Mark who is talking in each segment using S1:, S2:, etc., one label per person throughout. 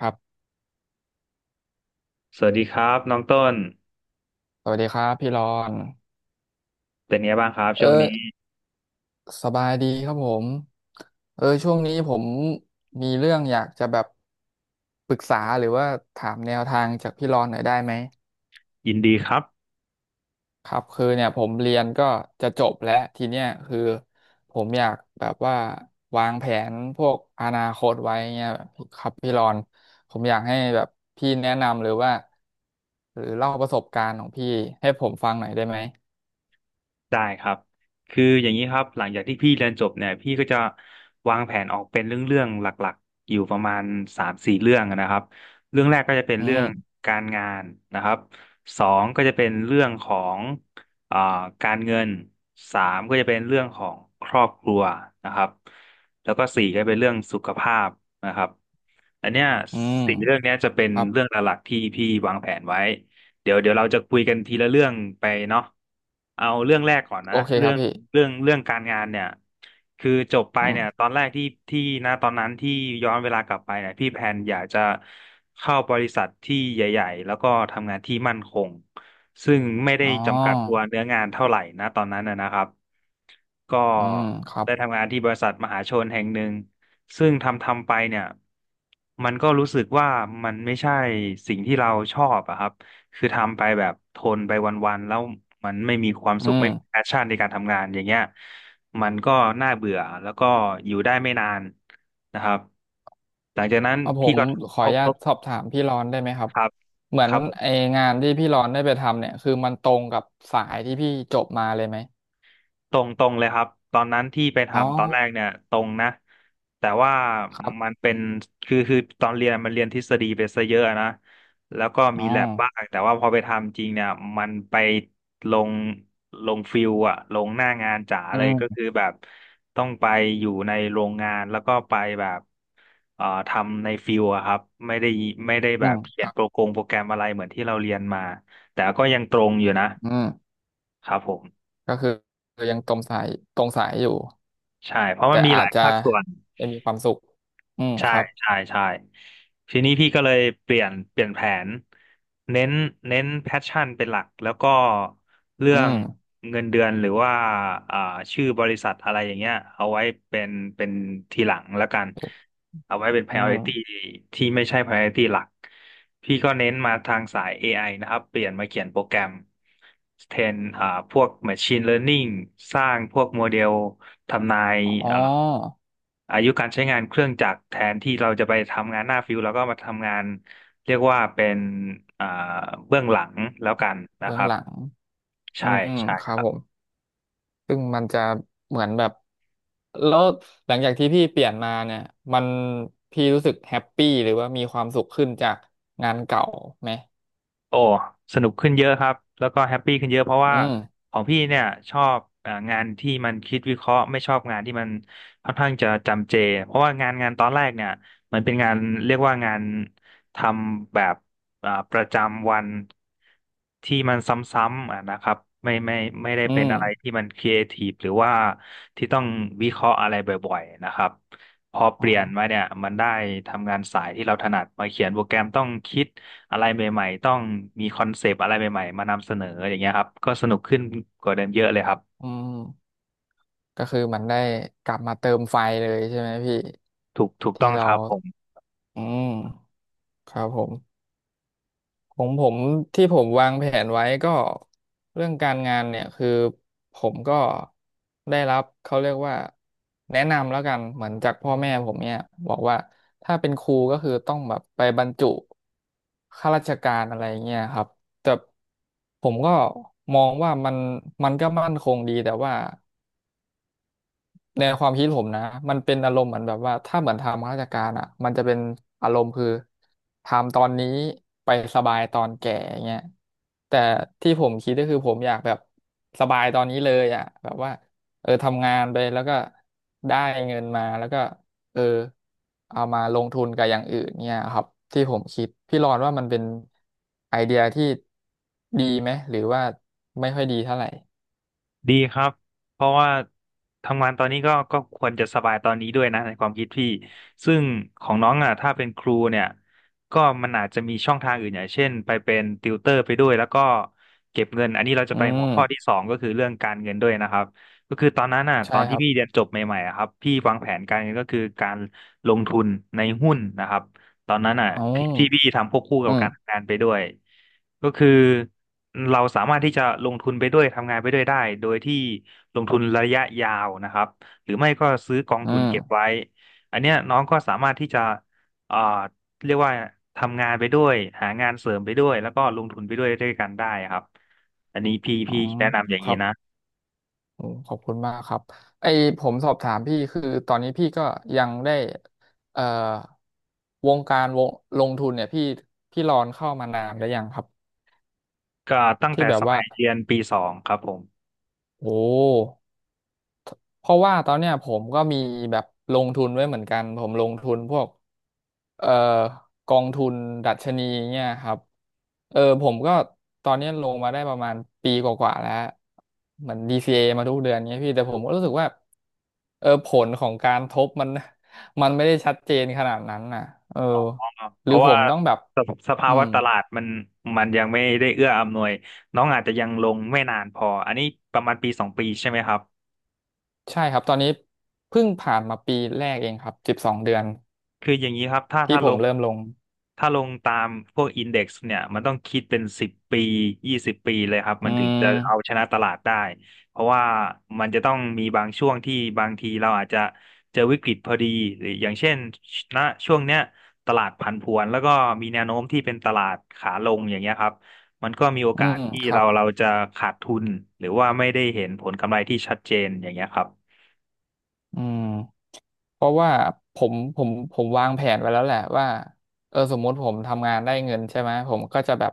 S1: ครับ
S2: สวัสดีครับน้องต้น
S1: สวัสดีครับพี่รอน
S2: เป็นไงบ้างครับ
S1: เอ
S2: ช่วง
S1: อ
S2: นี้
S1: สบายดีครับผมช่วงนี้ผมมีเรื่องอยากจะแบบปรึกษาหรือว่าถามแนวทางจากพี่รอนหน่อยได้ไหม
S2: ยินดีครับ
S1: ครับคือเนี่ยผมเรียนก็จะจบแล้ว ทีเนี้ยคือผมอยากแบบว่าวางแผนพวกอนาคตไว้เงี้ยครับพี่รอนผมอยากให้แบบพี่แนะนำหรือว่าหรือเล่าประสบการณ์ของพี่ให้ผมฟังหน่อยได้ไหม
S2: ได้ครับคืออย่างนี้ครับหลังจากที่พี่เรียนจบเนี่ยพี่ก็จะวางแผนออกเป็นเรื่องๆหลักๆอยู่ประมาณสามสี่เรื่องนะครับเรื่องแรกก็จะเป็น
S1: อื
S2: เรื่อง
S1: ม
S2: การงานนะครับสองก็จะเป็นเรื่องของอ่าการเงินสามก็จะเป็นเรื่องของครอบครัวนะครับแล้วก็สี่ก็เป็นเรื่องสุขภาพนะครับอันเนี้ย
S1: อืม
S2: สี่เรื่องเนี้ยจะเป็น
S1: ครับ
S2: เรื่องหลักๆที่พี่วางแผนไว้ เดี๋ยวเราจะคุยกันทีละเรื่องไปเนาะเอาเรื่องแรกก่อน
S1: โอ
S2: นะ
S1: เคค
S2: เรื่
S1: รั
S2: อ
S1: บ
S2: ง
S1: พี่
S2: เรื่องเรื่องการงานเนี่ย คือจบไป
S1: อื
S2: เนี่ยต
S1: ม
S2: อนแรกที่นะตอนนั้นที่ย้อนเวลากลับไปเนี่ยพี่แพนอยากจะเข้าบริษัทที่ใหญ่ๆแล้วก็ทำงานที่มั่นคงซึ่งไม่ได้
S1: อ๋อ
S2: จำกัดตัวเนื้องานเท่าไหร่นะตอนนั้นนะครับก็
S1: อืมครับ
S2: ได้ทำงานที่บริษัทมหาชนแห่งหนึ่งซึ่งทำไปเนี่ยมันก็รู้สึกว่ามันไม่ใช่สิ่งที่เราชอบอะครับ คือทำไปแบบทนไปวันๆแล้วมันไม่มีความ
S1: อื
S2: สุข
S1: ม
S2: ไม่มีแพชชั่นในการทำงานอย่างเงี้ยมันก็น่าเบื่อแล้วก็อยู่ได้ไม่นานนะครับหลังจากนั้น
S1: เอาผ
S2: พี่
S1: ม
S2: ก็
S1: ข
S2: ท
S1: ออนุ
S2: บ
S1: ญา
S2: ท
S1: ต
S2: บ
S1: สอบถามพี่รอนได้ไหมครับ
S2: ครับ
S1: เหมือ
S2: ค
S1: น
S2: รับ
S1: ไองานที่พี่รอนได้ไปทำเนี่ย คือมันตรงกับสายที่พี่จบมาเลยไหม
S2: ตรงเลยครับตอนนั้นที่ไป
S1: อ๋อ
S2: ทำตอนแรกเนี่ยตรงนะแต่ว่า
S1: ครั
S2: มั
S1: บ
S2: นเป็นคือตอนเรียนมันเรียนทฤษฎีไปซะเยอะนะแล้วก็
S1: อ๋
S2: มี
S1: อ
S2: แลบบ้างแต่ว่าพอไปทำจริงเนี่ยมันไปลงฟิลอะลงหน้างานจ๋า
S1: อื
S2: เลย
S1: ม
S2: ก็คือแบบต้องไปอยู่ในโรงงานแล้วก็ไปแบบทำในฟิลอะครับไม่ได้ไม่ได้
S1: อื
S2: แบบ
S1: ม
S2: เขี
S1: ค
S2: ยน
S1: รั
S2: โปร
S1: บ
S2: โกงโปรแกรมอะไรเหมือนที่เราเรียนมาแต่ก็ยังตรงอยู่นะ
S1: อืม
S2: ครับผม
S1: ก็คือยังตรงสายอยู่
S2: ใช่เพราะ
S1: แต่
S2: มันมีห
S1: อา
S2: ลา
S1: จ
S2: ย
S1: จะ
S2: ภาคส่วน
S1: ไม่มีความสุขอืม
S2: ใช่
S1: ครับ
S2: ใช่ใช่ทีนี้พี่ก็เลยเปลี่ยนแผนเน้นเน้นแพชชั่นเป็นหลักแล้วก็เรื่
S1: อื
S2: อง
S1: ม
S2: เงินเดือนหรือว่าอ่าชื่อบริษัทอะไรอย่างเงี้ยเอาไว้เป็นเป็นทีหลังแล้วกัน เอาไว้เป็น
S1: อื
S2: priority
S1: ม
S2: ที่ไม่ใช่ priority หลัก พี่ก็เน้นมาทางสาย AI นะครับ เปลี่ยนมาเขียนโปรแกรมแทนพวก machine learning สร้างพวกโมเดล ทำนาย
S1: อ๋อ
S2: อ่าอายุการใช้งานเครื่องจักรแทนที่เราจะไปทำงานหน้าฟิวแล้วก็มาทำงานเรียกว่าเป็นอ่าเบื้องหลังแล้วกันนะ
S1: เบื้
S2: ค
S1: อง
S2: รับ
S1: หลังอื
S2: ใช่
S1: มครับ
S2: ใช่
S1: ผม ซึ่งมันจะเหมือนแบบ แล้วหลังจากที่พี่เปลี่ยนมาเนี่ยมันพี่รู้สึกแฮปปี้หรือว่ามีความสุขขึ้นจากงานเก่าไหม
S2: โอ้สนุกขึ้นเยอะครับแล้วก็แฮปปี้ขึ้นเยอะเพราะว่า
S1: อืม
S2: ของพี่เนี่ยชอบงานที่มันคิดวิเคราะห์ไม่ชอบงานที่มันค่อนข้างจะจำเจเพราะว่างานตอนแรกเนี่ยมันเป็นงานเรียกว่างานทำแบบประจำวันที่มันซ้ำๆอ่ะนะครับไม่ไม่ไม่ได้
S1: อื
S2: เป็น
S1: ม
S2: อะไรที่มันครีเอทีฟหรือว่าที่ต้องวิเคราะห์อะไรบ่อยๆนะครับพอเป
S1: อ๋อ
S2: ลี่ยนมาเนี่ยมันได้ทำงานสายที่เราถนัดมาเขียนโปรแกรมต้องคิด อะไรใหม่ๆต้องมีคอนเซปต์อะไรใหม่ๆมานำเสนออย่างเงี้ยครับ ก็สนุกขึ้นกว่าเดิมเยอะเลยครับ
S1: อืมก็คือมันได้กลับมาเติมไฟเลยใช่ไหมพี่
S2: ถูกต้
S1: ที่
S2: องค
S1: เรา
S2: รับผม
S1: อืมครับผม ของผมที่ผมวางแผนไว้ก็เรื่องการงานเนี่ยคือผมก็ได้รับเขาเรียกว่าแนะนำแล้วกันเหมือนจากพ่อแม่ผมเนี่ยบอกว่าถ้าเป็นครูก็คือต้องแบบไปบรรจุข้าราชการอะไรเงี้ยครับแต่ผมก็มองว่ามันมันก็มั่นคงดีแต่ว่า ในความคิดผมนะมันเป็นอารมณ์เหมือนแบบว่าถ้าเหมือนทำข้าราชการอ่ะมันจะเป็นอารมณ์คือทำตอนนี้ไปสบายตอนแก่เงี้ยแต่ที่ผมคิดก็คือผมอยากแบบสบายตอนนี้เลยอ่ะแบบว่าทำงานไปแล้วก็ได้เงินมาแล้วก็เออเอามาลงทุนกับอย่างอื่นเนี่ยครับที่ผมคิดพี่รอนว่ามันเป็นไอเดียที่ดีไหมหรือว่าไม่ค่อยดีเท่าไหร่
S2: ดีครับเพราะว่าทำงานตอนนี้ก็ควรจะสบายตอนนี้ด้วยนะในความคิดพี่ ซึ่งของน้องอ่ะถ้าเป็นครูเนี่ยก็มันอาจจะมีช่องทางอื่นอย่างเช่นไปเป็นติวเตอร์ไปด้วยแล้วก็เก็บเงินอันนี้เราจะ
S1: อื
S2: ไปหัว
S1: ม
S2: ข้อที่สองก็คือเรื่องการเงินด้วยนะครับก็คือตอนนั้นอ่ะต
S1: ใช่
S2: อน
S1: ค
S2: ที่
S1: รับ
S2: พี่เรียนจบใหม่ๆอะครับพี่วางแผนการเงินก็คือการลงทุนในหุ้นนะครับตอนนั้นอ่ะ
S1: อ๋อ
S2: ที่พี่ทำควบคู่กั
S1: อื
S2: บการทำ
S1: ม
S2: งานไปด้วย ก็คือเราสามารถที่จะลงทุนไปด้วยทำงานไปด้วยได้โดยที่ลงทุนระยะยาวนะครับหรือไม่ก็ซื้อกอง
S1: อื
S2: ทุนเก็บ
S1: ม
S2: ไว้อันเนี้ยน้องก็สามารถที่จะเอ่อเรียกว่าทำงานไปด้วยหางานเสริมไปด้วยแล้วก็ลงทุนไปด้วยด้วยกันได้ครับอันนี้พี่
S1: อ๋อ
S2: พี่แนะนำอย่าง
S1: ค
S2: นี้
S1: รับ
S2: นะ
S1: โอ้ขอบคุณมากครับไอผมสอบถามพี่คือตอนนี้พี่ก็ยังได้เอ่อวงการวงลงทุนเนี่ยพี่พี่รอนเข้ามานานหรือยังครับ
S2: ก็ตั้ง
S1: ที่
S2: แต่
S1: แบ
S2: ส
S1: บว่า
S2: มัยเรียนปีสองครับผม
S1: โอ้ เพราะว่าตอนเนี้ยผมก็มีแบบลงทุนไว้เหมือนกันผมลงทุนพวกเอ่อกองทุนดัชนีเนี่ยครับผมก็ตอนเนี้ยลงมาได้ประมาณปีกว่าๆแล้วเหมือนดีซีเ a มาทุกเดือนเนี้ยพี่แต่ผมก็รู้สึกว่าผลของการทบมัน มันไม่ได้ชัดเจนขนาดนั้นน่ะเออ
S2: เพ
S1: หรือ
S2: ราะ
S1: ผ
S2: ว่า
S1: มต้องแบบ
S2: สภสภา
S1: อื
S2: วะ
S1: ม
S2: ตลาดมันยังไม่ได้เอื้ออำนวยน้องอาจจะยังลงไม่นานพออันนี้ประมาณปี 2 ปีใช่ไหมครับ
S1: ใช่ครับตอนนี้เพิ่งผ่านมาปีแรกเองครับสิบสองเดือน
S2: คืออย่างนี้ครับถ้า
S1: ที่
S2: ถ้า
S1: ผ
S2: ล
S1: ม
S2: ง
S1: เริ่มลง
S2: ถ้าลงตามพวกอินเด็กซ์เนี่ยมันต้องคิดเป็นสิบปี20 ปีเลยครับ
S1: อื
S2: มันถึงจะเอาช
S1: ม
S2: นะตลาดได้เพราะว่ามันจะต้องมีบางช่วงที่บางทีเราอาจจะเจอวิกฤตพอดีหรืออย่างเช่นณช่วงเนี้ยตลาดผันผวนแล้วก็มีแนวโน้มที่เป็นตลาดขาลงอย่างเงี้ยครับมันก็มีโอ
S1: อื
S2: กาส
S1: ม
S2: ที่
S1: ครั
S2: เรา
S1: บ
S2: เราจะขาดทุนหรือว่าไม่ได้เห็นผลกำไรที่ชัดเจนอย่างเงี้ยครับ
S1: อืมเพราะว่าผมวางแผนไว้แล้วแหละว่าสมมติผมทำงานได้เงินใช่ไหมผมก็จะแบบ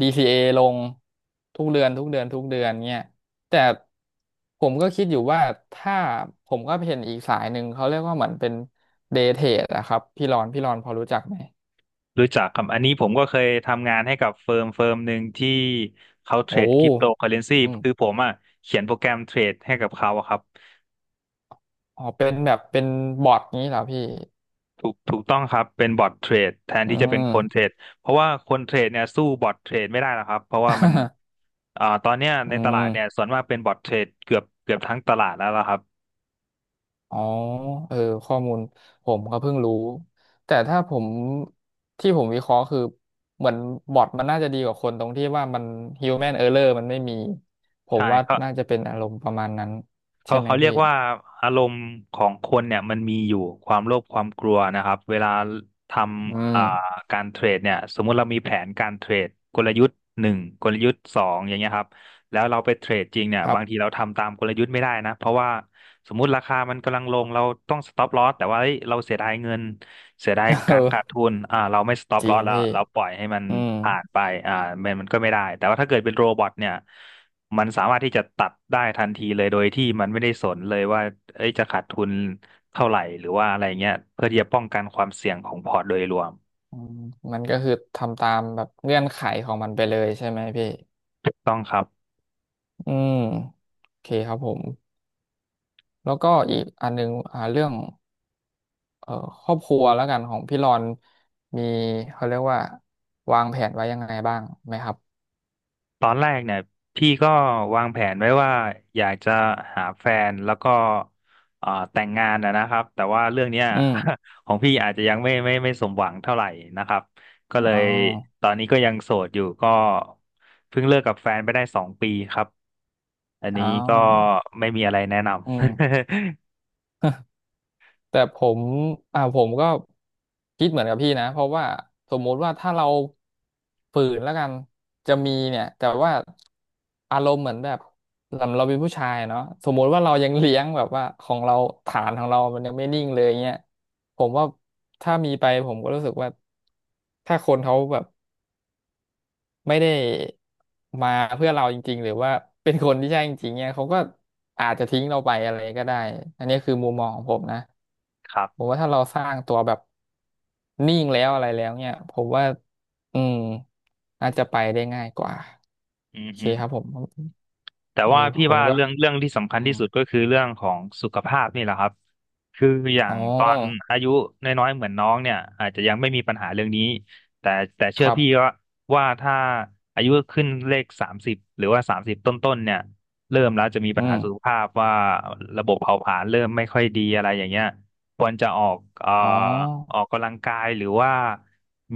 S1: DCA ลงทุกเดือนเนี่ยแต่ผมก็คิดอยู่ว่าถ้าผมก็เห็นอีกสายหนึ่งเขาเรียกว่าเหมือนเป็นเดย์เทรดอะครับพี่รอนพอรู้จักไหม
S2: รู้จักครับอันนี้ผมก็เคยทำงานให้กับเฟิร์มหนึ่งที่เขาเท
S1: โอ้
S2: รดคริปโตเคอเรนซี
S1: อืม
S2: คือผมอ่ะเขียนโปรแกรมเทรดให้กับเขาอะครับ
S1: อ๋อเป็นแบบเป็นบอทนี้เหรอพี่
S2: ถูกต้องครับเป็นบอทเทรดแทน
S1: อื
S2: ที่จะเป็น
S1: ม
S2: คนเทรดเพราะว่าคนเทรดเนี่ยสู้บอทเทรดไม่ได้หรอกครับเพราะว่ามัน ตอนเนี้ย
S1: อื
S2: ในตลาดเนี่ย
S1: ม
S2: ส่วนมากเป็นบอทเทรดเกือบทั้งตลาดแล้วล่ะครับ
S1: อ๋อ เออ ข้อมูลผมก็เพิ่งรู้ แต่ถ้าผมที่ผมวิเคราะห์คือเหมือนบอทมันน่าจะดีกว่าคนตรงที่ว่ามัน human error มันไม่มี ผม
S2: ใช่
S1: ว่า
S2: เขา
S1: น่าจะเป็นอารมณ์ประมาณนั้นใช่
S2: เขา
S1: ไหม
S2: เขาเรีย
S1: พี่
S2: กว่าอารมณ์ของคนเนี่ยมันมีอยู่ความโลภความกลัวนะครับเวลาท
S1: อื
S2: ำ
S1: ม
S2: การเทรดเนี่ยสมมุติเรามีแผนการเทรดกลยุทธ์หนึ่งกลยุทธ์สองอย่างเงี้ยครับแล้วเราไปเทรดจริงเนี่ย
S1: ครับ
S2: บางทีเราทำตามกลยุทธ์ไม่ได้นะเพราะว่าสมมุติราคามันกำลังลงเราต้องสต็อปลอสแต่ว่าเฮ้ยเราเสียดายเงินเสียดาย การขาด
S1: เออ
S2: ทุนเราไม่สต็อป
S1: จ
S2: ล
S1: ริ
S2: อ
S1: ง
S2: สแล้ว
S1: พี่
S2: เราปล่อยให้มัน
S1: อืม
S2: ผ่านไปอ่ามันก็ไม่ได้แต่ว่าถ้าเกิดเป็นโรบอทเนี่ย มันสามารถที่จะตัดได้ทันทีเลยโดยที่มันไม่ได้สนเลยว่าเอ้ยจะขาดทุนเท่าไหร่หรือว่าอะไรเงี้ยเพื่อที่จะป้องกันความเสี่ยงของพอร์ตโดยรวม
S1: อืมมันก็คือทำตามแบบเงื่อนไขของมันไปเลยใช่ไหมพี่
S2: ถูกต้องครับ
S1: อืม โอเคครับผม แล้วก็อีกอันหนึงอ่าเรื่อง เอ่อครอบครัวแล้วกันของพี่รอนมีเขาเรียกว่าวางแผนไว้ยังไงบ้างไหมครับ
S2: ตอนแรกเนี่ยพี่ก็วางแผนไว้ว่าอยากจะหาแฟนแล้วก็แต่งงานนะนะครับแต่ว่าเรื่องเนี้ย
S1: อืม
S2: ของพี่อาจจะยังไม่สมหวังเท่าไหร่นะครับก็เล
S1: อ๋อ
S2: ยตอนนี้ก็ยังโสดอยู่ก็เพิ่งเลิกกับแฟนไปได้2 ปีครับอันนี้
S1: อ้า
S2: ก็
S1: ว
S2: ไม่มีอะไรแนะน
S1: อืม แต่ผมอ่าผมก็คิดเหมือนกับพี่นะเพราะว่าสมมุติว่าถ้าเราฝืนแล้วกันจะมีเนี่ยแต่ว่าอารมณ์เหมือนแบบเราเป็นผู้ชายเนาะสมมุติว่าเรายังเลี้ยงแบบว่าของเราฐานของเรามันยังไม่นิ่งเลยเงี้ยผมว่าถ้ามีไปผมก็รู้สึกว่าถ้าคนเขาแบบ ไม่ได้มาเพื่อเราจริงๆหรือว่าเป็นคนที่ใช่จริงๆเนี่ยเขาก็อาจจะทิ้งเราไปอะไรก็ได้อันนี้คือมุมมองของผมนะ
S2: ำ ครั
S1: ผม
S2: บ
S1: ว่าถ้าเราสร้างตัวแบบนิ่งแล้วอะไรแล้วเนี่ยผมว่าอืมน่าจะไปได้ง่ายกว่า
S2: อืม
S1: โอเค
S2: ฮึ
S1: ครับผม
S2: แต่
S1: เออ
S2: ว่าพี่
S1: ผม
S2: ว่า
S1: ก็
S2: เรื่องที่สำคั
S1: อื
S2: ญที่
S1: ม
S2: สุดก็คือเรื่องของสุขภาพนี่แหละครับคืออย่า
S1: อ๋อ
S2: งตอนอายุน้อยๆเหมือนน้องเนี่ยอาจจะยังไม่มีปัญหาเรื่องนี้แต่แต่
S1: ค
S2: เชื่อ
S1: รับ
S2: พี่ว่าว่าถ้าอายุขึ้นเลขสามสิบหรือว่าสามสิบต้นๆเนี่ยเริ่มแล้วจะมี
S1: อื
S2: ปัญหาสุข
S1: ม
S2: ภาพว่าระบบเผาผลาญเริ่มไม่ค่อยดีอะไรอย่างเงี้ยควรจะออก
S1: อ๋
S2: อ
S1: อ
S2: อกกำลังกายหรือว่า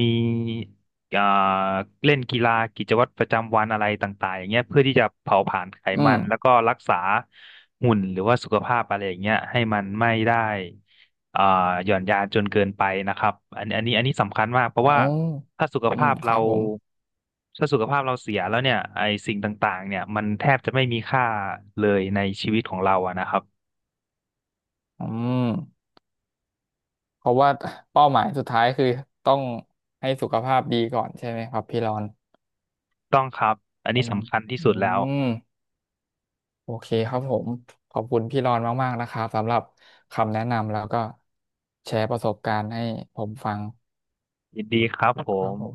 S2: มี อ่าเล่นกีฬากิจวัตรประจำวันอะไรต่างๆอย่างเงี้ยเพื่อที่จะเผาผลาญไข
S1: อื
S2: มั
S1: ม
S2: นแล้วก็รักษาหุ่นหรือว่าสุขภาพอะไรอย่างเงี้ยให้มันไม่ได้อ่าหย่อนยานจนเกินไปนะครับอันนี้อันนี้สำคัญมากเพราะ
S1: อ๋
S2: ว่า
S1: อ
S2: ถ้าสุข
S1: อื
S2: ภา
S1: ม
S2: พ
S1: ค
S2: เรา
S1: รับผม
S2: ถ้าสุขภาพเราเสียแล้วเนี่ยไอสิ่งต่างๆเนี่ยมันแทบจะไม่มีค่าเลยในชีวิตของเราอะนะครับ
S1: อืม เพราะว่าเป้าหมายสุดท้ายคือต้องให้สุขภาพดีก่อนใช่ไหมครับพี่รอน
S2: ต้องครับอัน
S1: ป
S2: นี้
S1: ระมาณ
S2: สำคัญที่สุด
S1: อื
S2: แล้ว
S1: มโอเคครับผมขอบคุณพี่รอนมากๆนะครับสำหรับคำแนะนำแล้วก็แชร์ประสบการณ์ให้ผมฟัง
S2: ยินดีครับผ
S1: ครับ
S2: ม
S1: ผม